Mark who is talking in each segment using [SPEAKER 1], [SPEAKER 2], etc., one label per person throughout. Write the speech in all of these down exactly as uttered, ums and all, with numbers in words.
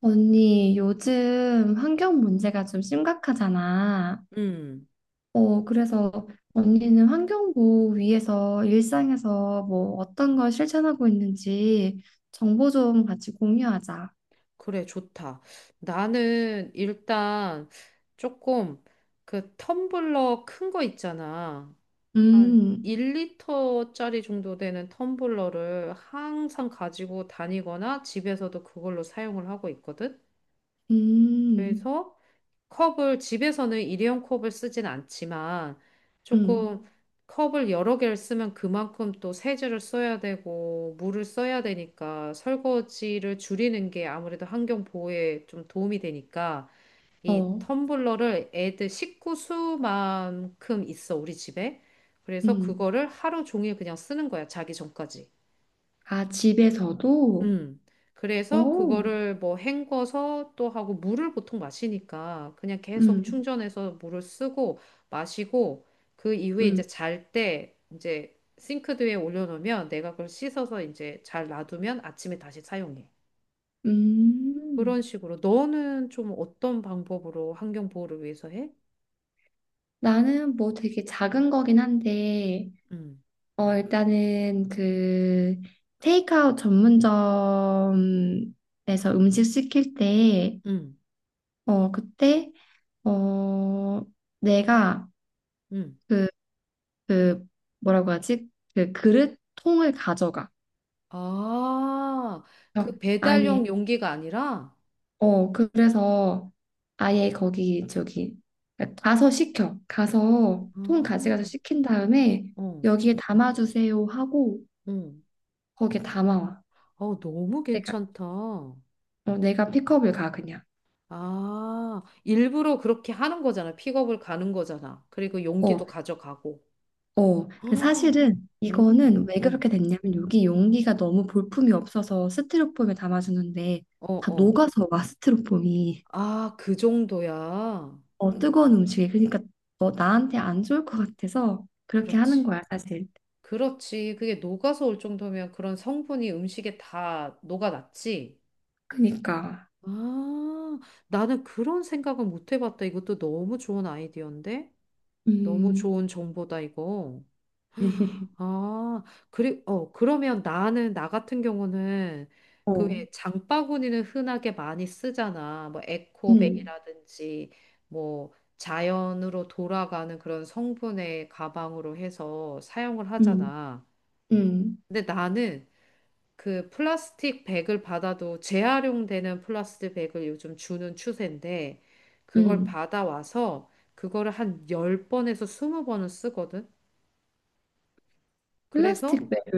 [SPEAKER 1] 언니, 요즘 환경 문제가 좀 심각하잖아.
[SPEAKER 2] 음,
[SPEAKER 1] 어, 그래서 언니는 환경부 위에서 일상에서 뭐 어떤 걸 실천하고 있는지 정보 좀 같이 공유하자.
[SPEAKER 2] 그래, 좋다. 나는 일단 조금 그 텀블러 큰 거 있잖아. 한
[SPEAKER 1] 음,
[SPEAKER 2] 일 리터짜리 정도 되는 텀블러를 항상 가지고 다니거나 집에서도 그걸로 사용을 하고 있거든.
[SPEAKER 1] 음,
[SPEAKER 2] 그래서 컵을 집에서는 일회용 컵을 쓰진 않지만
[SPEAKER 1] 음,
[SPEAKER 2] 조금 음. 컵을 여러 개를 쓰면 그만큼 또 세제를 써야 되고 물을 써야 되니까 설거지를 줄이는 게 아무래도 환경 보호에 좀 도움이 되니까 이
[SPEAKER 1] 어,
[SPEAKER 2] 텀블러를 애들 식구 수만큼 있어 우리 집에. 그래서
[SPEAKER 1] 음.
[SPEAKER 2] 그거를 하루 종일 그냥 쓰는 거야 자기 전까지.
[SPEAKER 1] 아, 집에서도?
[SPEAKER 2] 음. 그래서
[SPEAKER 1] 오,
[SPEAKER 2] 그거를 뭐 헹궈서 또 하고 물을 보통 마시니까 그냥 계속
[SPEAKER 1] 음,
[SPEAKER 2] 충전해서 물을 쓰고 마시고 그 이후에 이제
[SPEAKER 1] 음,
[SPEAKER 2] 잘 때 이제 싱크대 위에 올려놓으면 내가 그걸 씻어서 이제 잘 놔두면 아침에 다시 사용해. 그런
[SPEAKER 1] 음.
[SPEAKER 2] 식으로. 너는 좀 어떤 방법으로 환경 보호를 위해서 해?
[SPEAKER 1] 나는 뭐 되게 작은 거긴 한데,
[SPEAKER 2] 음,
[SPEAKER 1] 어, 일단은 그 테이크아웃 전문점에서 음식 시킬 때,
[SPEAKER 2] 음,
[SPEAKER 1] 어, 그때, 어, 내가
[SPEAKER 2] 음.
[SPEAKER 1] 그, 그, 뭐라고 하지? 그 그릇 통을 가져가.
[SPEAKER 2] 아,
[SPEAKER 1] 그래서
[SPEAKER 2] 그
[SPEAKER 1] 아예,
[SPEAKER 2] 배달용 용기가 아니라?
[SPEAKER 1] 어, 그래서 아예 거기, 저기, 가서 시켜. 가서
[SPEAKER 2] 아,
[SPEAKER 1] 통 가져가서 시킨 다음에
[SPEAKER 2] 어,
[SPEAKER 1] 여기에 담아주세요 하고
[SPEAKER 2] 응.
[SPEAKER 1] 거기에 담아와.
[SPEAKER 2] 어, 너무
[SPEAKER 1] 내가,
[SPEAKER 2] 괜찮다.
[SPEAKER 1] 어, 내가 픽업을 가, 그냥.
[SPEAKER 2] 아, 일부러 그렇게 하는 거잖아. 픽업을 가는 거잖아. 그리고 용기도
[SPEAKER 1] 어,
[SPEAKER 2] 가져가고.
[SPEAKER 1] 어, 근데
[SPEAKER 2] 헉,
[SPEAKER 1] 사실은
[SPEAKER 2] 음,
[SPEAKER 1] 이거는 왜
[SPEAKER 2] 어,
[SPEAKER 1] 그렇게 됐냐면 여기 용기가 너무 볼품이 없어서 스티로폼에 담아주는데
[SPEAKER 2] 어,
[SPEAKER 1] 다
[SPEAKER 2] 어.
[SPEAKER 1] 녹아서 와 스티로폼이.
[SPEAKER 2] 아, 그 정도야.
[SPEAKER 1] 어, 뜨거운 음식이 그러니까 너 나한테 안 좋을 것 같아서 그렇게 하는
[SPEAKER 2] 그렇지.
[SPEAKER 1] 거야 사실.
[SPEAKER 2] 그렇지. 그게 녹아서 올 정도면 그런 성분이 음식에 다 녹아났지.
[SPEAKER 1] 그러니까
[SPEAKER 2] 아, 나는 그런 생각을 못 해봤다. 이것도 너무 좋은 아이디어인데? 너무
[SPEAKER 1] 음,
[SPEAKER 2] 좋은 정보다, 이거. 아, 그리, 어, 그러면 나는, 나 같은 경우는
[SPEAKER 1] 어,
[SPEAKER 2] 그왜 장바구니는 흔하게 많이 쓰잖아. 뭐
[SPEAKER 1] 음,
[SPEAKER 2] 에코백이라든지 뭐 자연으로 돌아가는 그런 성분의 가방으로 해서 사용을
[SPEAKER 1] 음,
[SPEAKER 2] 하잖아.
[SPEAKER 1] 음,
[SPEAKER 2] 근데 나는 그 플라스틱 백을 받아도 재활용되는 플라스틱 백을 요즘 주는 추세인데 그걸
[SPEAKER 1] 음.
[SPEAKER 2] 받아와서 그거를 한 열 번에서 스무 번은 쓰거든. 그래서
[SPEAKER 1] 플라스틱 배를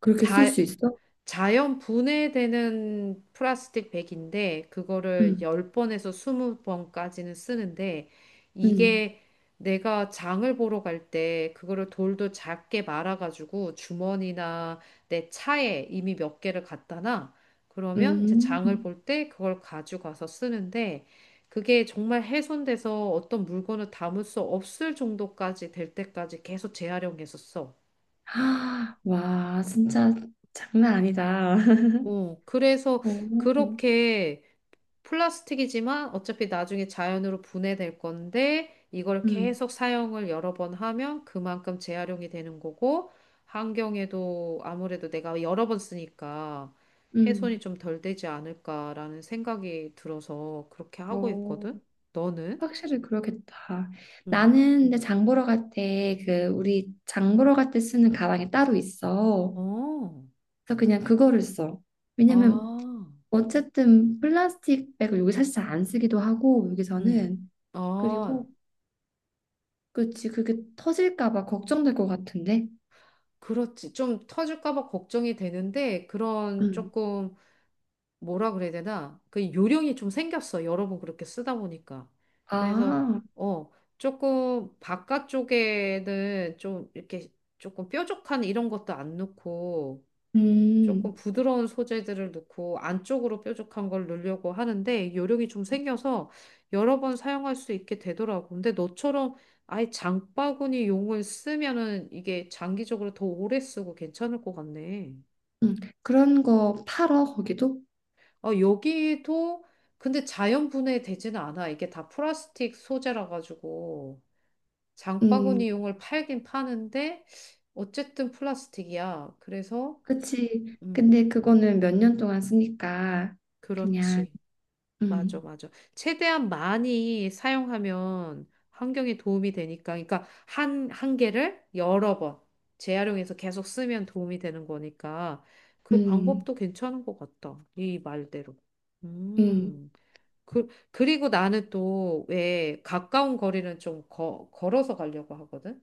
[SPEAKER 1] 그렇게 쓸
[SPEAKER 2] 자,
[SPEAKER 1] 수 있어?
[SPEAKER 2] 자연 분해되는 플라스틱 백인데 그거를
[SPEAKER 1] 음,
[SPEAKER 2] 열 번에서 스무 번까지는 쓰는데
[SPEAKER 1] 음,
[SPEAKER 2] 이게 내가 장을 보러 갈 때 그거를 돌도 작게 말아가지고 주머니나 내 차에 이미 몇 개를 갖다 놔. 그러면 이제
[SPEAKER 1] 음.
[SPEAKER 2] 장을 볼 때 그걸 가져가서 쓰는데 그게 정말 훼손돼서 어떤 물건을 담을 수 없을 정도까지 될 때까지 계속 재활용해서 써.
[SPEAKER 1] 아, 와, 진짜 장난 아니다.
[SPEAKER 2] 어, 그래서
[SPEAKER 1] 오.
[SPEAKER 2] 그렇게 플라스틱이지만 어차피 나중에 자연으로 분해될 건데 이걸
[SPEAKER 1] 음,
[SPEAKER 2] 계속 사용을 여러 번 하면 그만큼 재활용이 되는 거고 환경에도 아무래도 내가 여러 번 쓰니까
[SPEAKER 1] 음.
[SPEAKER 2] 훼손이 좀 덜 되지 않을까라는 생각이 들어서 그렇게 하고
[SPEAKER 1] 어,
[SPEAKER 2] 있거든. 너는?
[SPEAKER 1] 확실히 그러겠다.
[SPEAKER 2] 응.
[SPEAKER 1] 나는 근데 장 보러 갈 때 그 우리 장 보러 갈 때 쓰는 가방이 따로 있어.
[SPEAKER 2] 어.
[SPEAKER 1] 그래서 그냥 그거를 써. 왜냐면
[SPEAKER 2] 아.
[SPEAKER 1] 어쨌든 플라스틱 백을 여기 사실 잘 안 쓰기도 하고
[SPEAKER 2] 응.
[SPEAKER 1] 여기서는.
[SPEAKER 2] 아.
[SPEAKER 1] 그리고 그치 그게 터질까 봐 걱정될 것 같은데.
[SPEAKER 2] 그렇지. 좀 터질까 봐 걱정이 되는데 그런
[SPEAKER 1] 음.
[SPEAKER 2] 조금 뭐라 그래야 되나? 그 요령이 좀 생겼어. 여러 번 그렇게 쓰다 보니까. 그래서,
[SPEAKER 1] 아,
[SPEAKER 2] 어, 조금 바깥쪽에는 좀 이렇게 조금 뾰족한 이런 것도 안 넣고,
[SPEAKER 1] 음,
[SPEAKER 2] 조금 부드러운 소재들을 넣고, 안쪽으로 뾰족한 걸 넣으려고 하는데, 요령이 좀 생겨서 여러 번 사용할 수 있게 되더라고. 근데 너처럼 아예 장바구니 용을 쓰면은 이게 장기적으로 더 오래 쓰고 괜찮을 것 같네.
[SPEAKER 1] 음. 그런 거 팔어 거기도?
[SPEAKER 2] 어, 여기도 근데 자연 분해되지는 않아. 이게 다 플라스틱 소재라 가지고
[SPEAKER 1] 음,
[SPEAKER 2] 장바구니용을 팔긴 파는데 어쨌든 플라스틱이야. 그래서
[SPEAKER 1] 그치.
[SPEAKER 2] 음,
[SPEAKER 1] 근데 그거는 몇 년 동안 쓰니까 그냥.
[SPEAKER 2] 그렇지. 맞아,
[SPEAKER 1] 음,
[SPEAKER 2] 맞아. 최대한 많이 사용하면 환경에 도움이 되니까. 그러니까 한, 한 개를 여러 번 재활용해서 계속 쓰면 도움이 되는 거니까 그
[SPEAKER 1] 음,
[SPEAKER 2] 방법도 괜찮은 것 같다. 이 말대로.
[SPEAKER 1] 음,
[SPEAKER 2] 음. 그, 그리고 나는 또 왜 가까운 거리는 좀 거, 걸어서 가려고 하거든?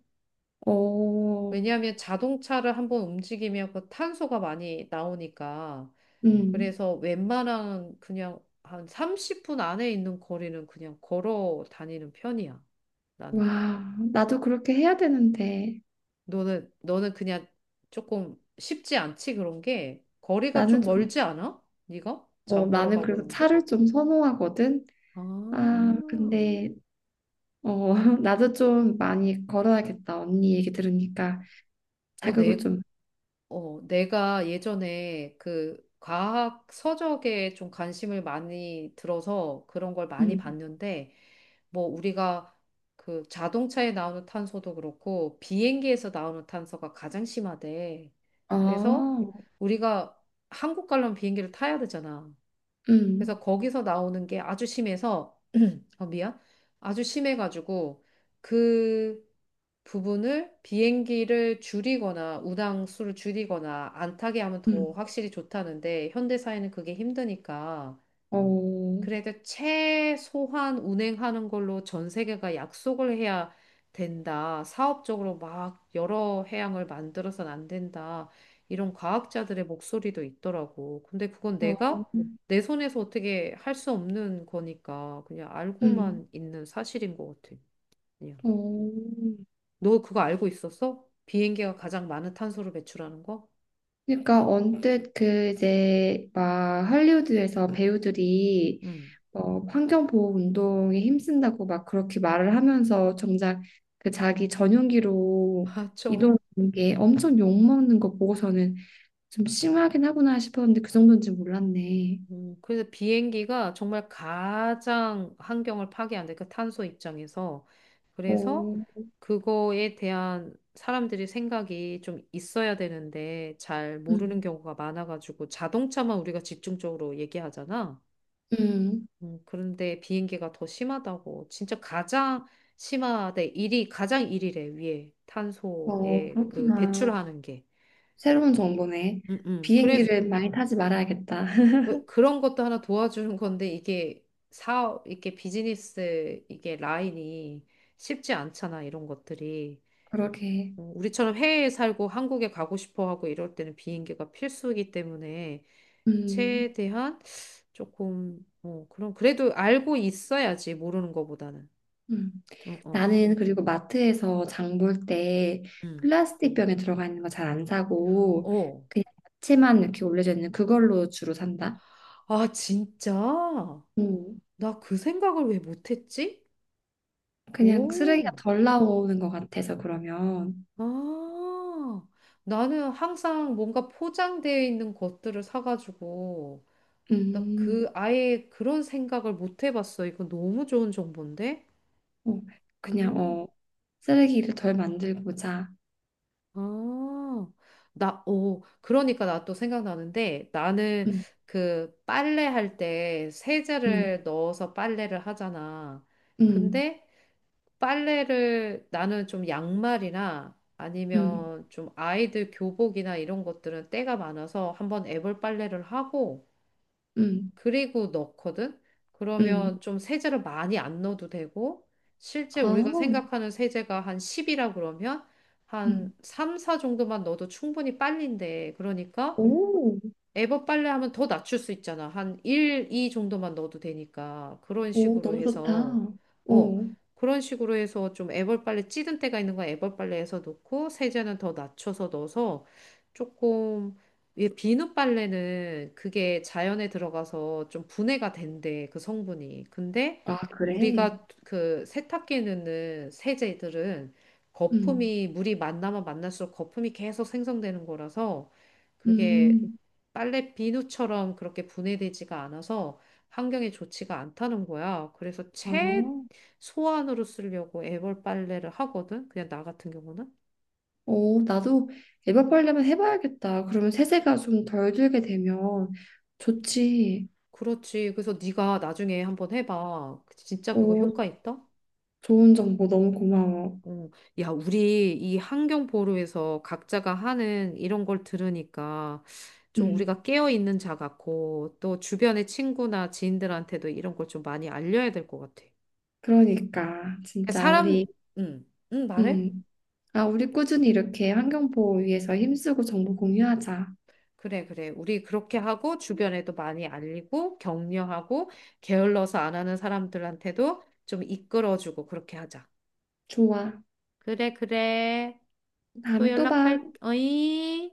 [SPEAKER 1] 오,
[SPEAKER 2] 왜냐하면 자동차를 한번 움직이면 그 탄소가 많이 나오니까.
[SPEAKER 1] 음,
[SPEAKER 2] 그래서 웬만한 그냥 한 삼십 분 안에 있는 거리는 그냥 걸어 다니는 편이야. 나는.
[SPEAKER 1] 와, 나도 그렇게 해야 되는데,
[SPEAKER 2] 너는, 너는 그냥 조금 쉽지 않지, 그런 게? 거리가
[SPEAKER 1] 나는
[SPEAKER 2] 좀
[SPEAKER 1] 좀,
[SPEAKER 2] 멀지 않아? 네가?
[SPEAKER 1] 어,
[SPEAKER 2] 장 보러
[SPEAKER 1] 나는
[SPEAKER 2] 가고
[SPEAKER 1] 그래서
[SPEAKER 2] 이런 게?
[SPEAKER 1] 차를 좀 선호하거든?
[SPEAKER 2] 아,
[SPEAKER 1] 아, 근데, 어, 나도 좀 많이 걸어야겠다. 언니 얘기 들으니까
[SPEAKER 2] 어,
[SPEAKER 1] 자극을
[SPEAKER 2] 내,
[SPEAKER 1] 좀,
[SPEAKER 2] 어, 내가 예전에 그 과학 서적에 좀 관심을 많이 들어서 그런 걸 많이
[SPEAKER 1] 음,
[SPEAKER 2] 봤는데, 뭐 우리가 그 자동차에 나오는 탄소도 그렇고 비행기에서 나오는 탄소가 가장 심하대.
[SPEAKER 1] 아,
[SPEAKER 2] 그래서 우리가 한국 가려면 비행기를 타야 되잖아. 그래서
[SPEAKER 1] 음,
[SPEAKER 2] 거기서 나오는 게 아주 심해서, 어, 미안. 아주 심해가지고 그 부분을 비행기를 줄이거나 운항수를 줄이거나 안 타게 하면 더
[SPEAKER 1] 음,
[SPEAKER 2] 확실히 좋다는데 현대 사회는 그게 힘드니까
[SPEAKER 1] 어,
[SPEAKER 2] 그래도 최소한 운행하는 걸로 전 세계가 약속을 해야 된다. 사업적으로 막 여러 해양을 만들어서는 안 된다. 이런 과학자들의 목소리도 있더라고. 근데 그건
[SPEAKER 1] 어,
[SPEAKER 2] 내가 내 손에서 어떻게 할 수 없는 거니까 그냥
[SPEAKER 1] 음,
[SPEAKER 2] 알고만 있는 사실인 것 같아. 그냥.
[SPEAKER 1] 어.
[SPEAKER 2] 너 그거 알고 있었어? 비행기가 가장 많은 탄소를 배출하는 거?
[SPEAKER 1] 그러니까 언뜻 그 이제 막 할리우드에서 배우들이
[SPEAKER 2] 응.
[SPEAKER 1] 어, 환경보호 운동에 힘쓴다고 막 그렇게 말을 하면서 정작 그 자기 전용기로
[SPEAKER 2] 맞아.
[SPEAKER 1] 이동하는 게 엄청 욕먹는 거 보고서는 좀 심하긴 하구나 싶었는데 그 정도인지 몰랐네.
[SPEAKER 2] 음, 그래서 비행기가 정말 가장 환경을 파괴한다. 그 탄소 입장에서. 그래서
[SPEAKER 1] 어,
[SPEAKER 2] 그거에 대한 사람들이 생각이 좀 있어야 되는데 잘 모르는
[SPEAKER 1] 음,
[SPEAKER 2] 경우가 많아가지고 자동차만 우리가 집중적으로 얘기하잖아.
[SPEAKER 1] 음,
[SPEAKER 2] 음, 그런데 비행기가 더 심하다고. 진짜 가장 심하대. 일이 가장 일이래 위에
[SPEAKER 1] 어,
[SPEAKER 2] 탄소에 그
[SPEAKER 1] 그렇구나.
[SPEAKER 2] 배출하는 게.
[SPEAKER 1] 새로운 정보네.
[SPEAKER 2] 음, 음.
[SPEAKER 1] 비행기를 많이 타지 말아야겠다.
[SPEAKER 2] 왜- 그런 것도 하나 도와주는 건데 이게 사업, 이게 비즈니스, 이게 라인이 쉽지 않잖아, 이런 것들이.
[SPEAKER 1] 그러게.
[SPEAKER 2] 어, 우리처럼 해외에 살고 한국에 가고 싶어 하고 이럴 때는 비행기가 필수이기 때문에
[SPEAKER 1] 음,
[SPEAKER 2] 최대한 조금, 어, 그럼 그래도 알고 있어야지, 모르는 것보다는.
[SPEAKER 1] 음.
[SPEAKER 2] 응, 어,
[SPEAKER 1] 나는 그리고 마트에서 장볼 때
[SPEAKER 2] 응.
[SPEAKER 1] 플라스틱 병에 들어가 있는 거 잘 안 사고
[SPEAKER 2] 어.
[SPEAKER 1] 그냥 야채만 이렇게 올려져 있는 그걸로 주로 산다.
[SPEAKER 2] 아, 진짜?
[SPEAKER 1] 음.
[SPEAKER 2] 나 그 생각을 왜 못했지?
[SPEAKER 1] 그냥 쓰레기가
[SPEAKER 2] 오.
[SPEAKER 1] 덜 나오는 것 같아서 그러면.
[SPEAKER 2] 아, 나는 항상 뭔가 포장되어 있는 것들을 사가지고, 나 그,
[SPEAKER 1] 음.
[SPEAKER 2] 아예 그런 생각을 못 해봤어. 이거 너무 좋은 정보인데?
[SPEAKER 1] 어, 그냥
[SPEAKER 2] 음,
[SPEAKER 1] 어 쓰레기를 덜 만들고자.
[SPEAKER 2] 아, 나, 오, 그러니까 나 또 생각나는데, 나는
[SPEAKER 1] 음.
[SPEAKER 2] 그 빨래할 때
[SPEAKER 1] 음.
[SPEAKER 2] 세제를 넣어서 빨래를 하잖아.
[SPEAKER 1] 음.
[SPEAKER 2] 근데 빨래를 나는 좀 양말이나
[SPEAKER 1] 음.
[SPEAKER 2] 아니면 좀 아이들 교복이나 이런 것들은 때가 많아서 한번 애벌 빨래를 하고
[SPEAKER 1] 음.
[SPEAKER 2] 그리고 넣거든?
[SPEAKER 1] 음.
[SPEAKER 2] 그러면 좀 세제를 많이 안 넣어도 되고 실제
[SPEAKER 1] 아.
[SPEAKER 2] 우리가 생각하는 세제가 한 십이라 그러면 한
[SPEAKER 1] 음.
[SPEAKER 2] 삼, 사 정도만 넣어도 충분히 빨린대. 그러니까
[SPEAKER 1] 오.
[SPEAKER 2] 에버 빨래 하면 더 낮출 수 있잖아. 한 일, 이 정도만 넣어도 되니까. 그런
[SPEAKER 1] 오,
[SPEAKER 2] 식으로
[SPEAKER 1] 너무 좋다.
[SPEAKER 2] 해서, 어,
[SPEAKER 1] 오.
[SPEAKER 2] 그런 식으로 해서 좀에벌 빨래 찌든 때가 있는 건에벌 빨래에서 넣고, 세제는 더 낮춰서 넣어서 조금, 이 비누 빨래는 그게 자연에 들어가서 좀 분해가 된대, 그 성분이. 근데
[SPEAKER 1] 아, 그래.
[SPEAKER 2] 우리가 그 세탁기에 넣는 세제들은
[SPEAKER 1] 음.
[SPEAKER 2] 거품이, 물이 만나면 만날수록 거품이 계속 생성되는 거라서 그게
[SPEAKER 1] 음.
[SPEAKER 2] 빨래 비누처럼 그렇게 분해되지가 않아서 환경에 좋지가 않다는 거야. 그래서
[SPEAKER 1] 어.
[SPEAKER 2] 최소한으로 쓰려고 애벌 빨래를 하거든. 그냥 나 같은 경우는.
[SPEAKER 1] 어, 나도 에버팔레만 해봐야겠다. 그러면 세제가 좀 덜 들게 되면
[SPEAKER 2] 그렇지.
[SPEAKER 1] 좋지.
[SPEAKER 2] 그렇지. 그래서 네가 나중에 한번 해봐. 진짜 그거
[SPEAKER 1] 어,
[SPEAKER 2] 효과 있다?
[SPEAKER 1] 좋은 정보 너무 고마워.
[SPEAKER 2] 어. 야, 우리 이 환경 보루에서 각자가 하는 이런 걸 들으니까 좀
[SPEAKER 1] 음,
[SPEAKER 2] 우리가 깨어 있는 자 같고 또 주변의 친구나 지인들한테도 이런 걸 좀 많이 알려야 될 것 같아.
[SPEAKER 1] 그러니까 진짜 우리
[SPEAKER 2] 사람, 응, 응, 말해?
[SPEAKER 1] 음, 아, 우리 꾸준히 이렇게 환경 보호 위해서 힘쓰고 정보 공유하자.
[SPEAKER 2] 그래, 그래. 우리 그렇게 하고 주변에도 많이 알리고 격려하고 게을러서 안 하는 사람들한테도 좀 이끌어주고 그렇게 하자.
[SPEAKER 1] 좋아.
[SPEAKER 2] 그래, 그래. 또
[SPEAKER 1] 다음에 또 봐.
[SPEAKER 2] 연락할, 어이?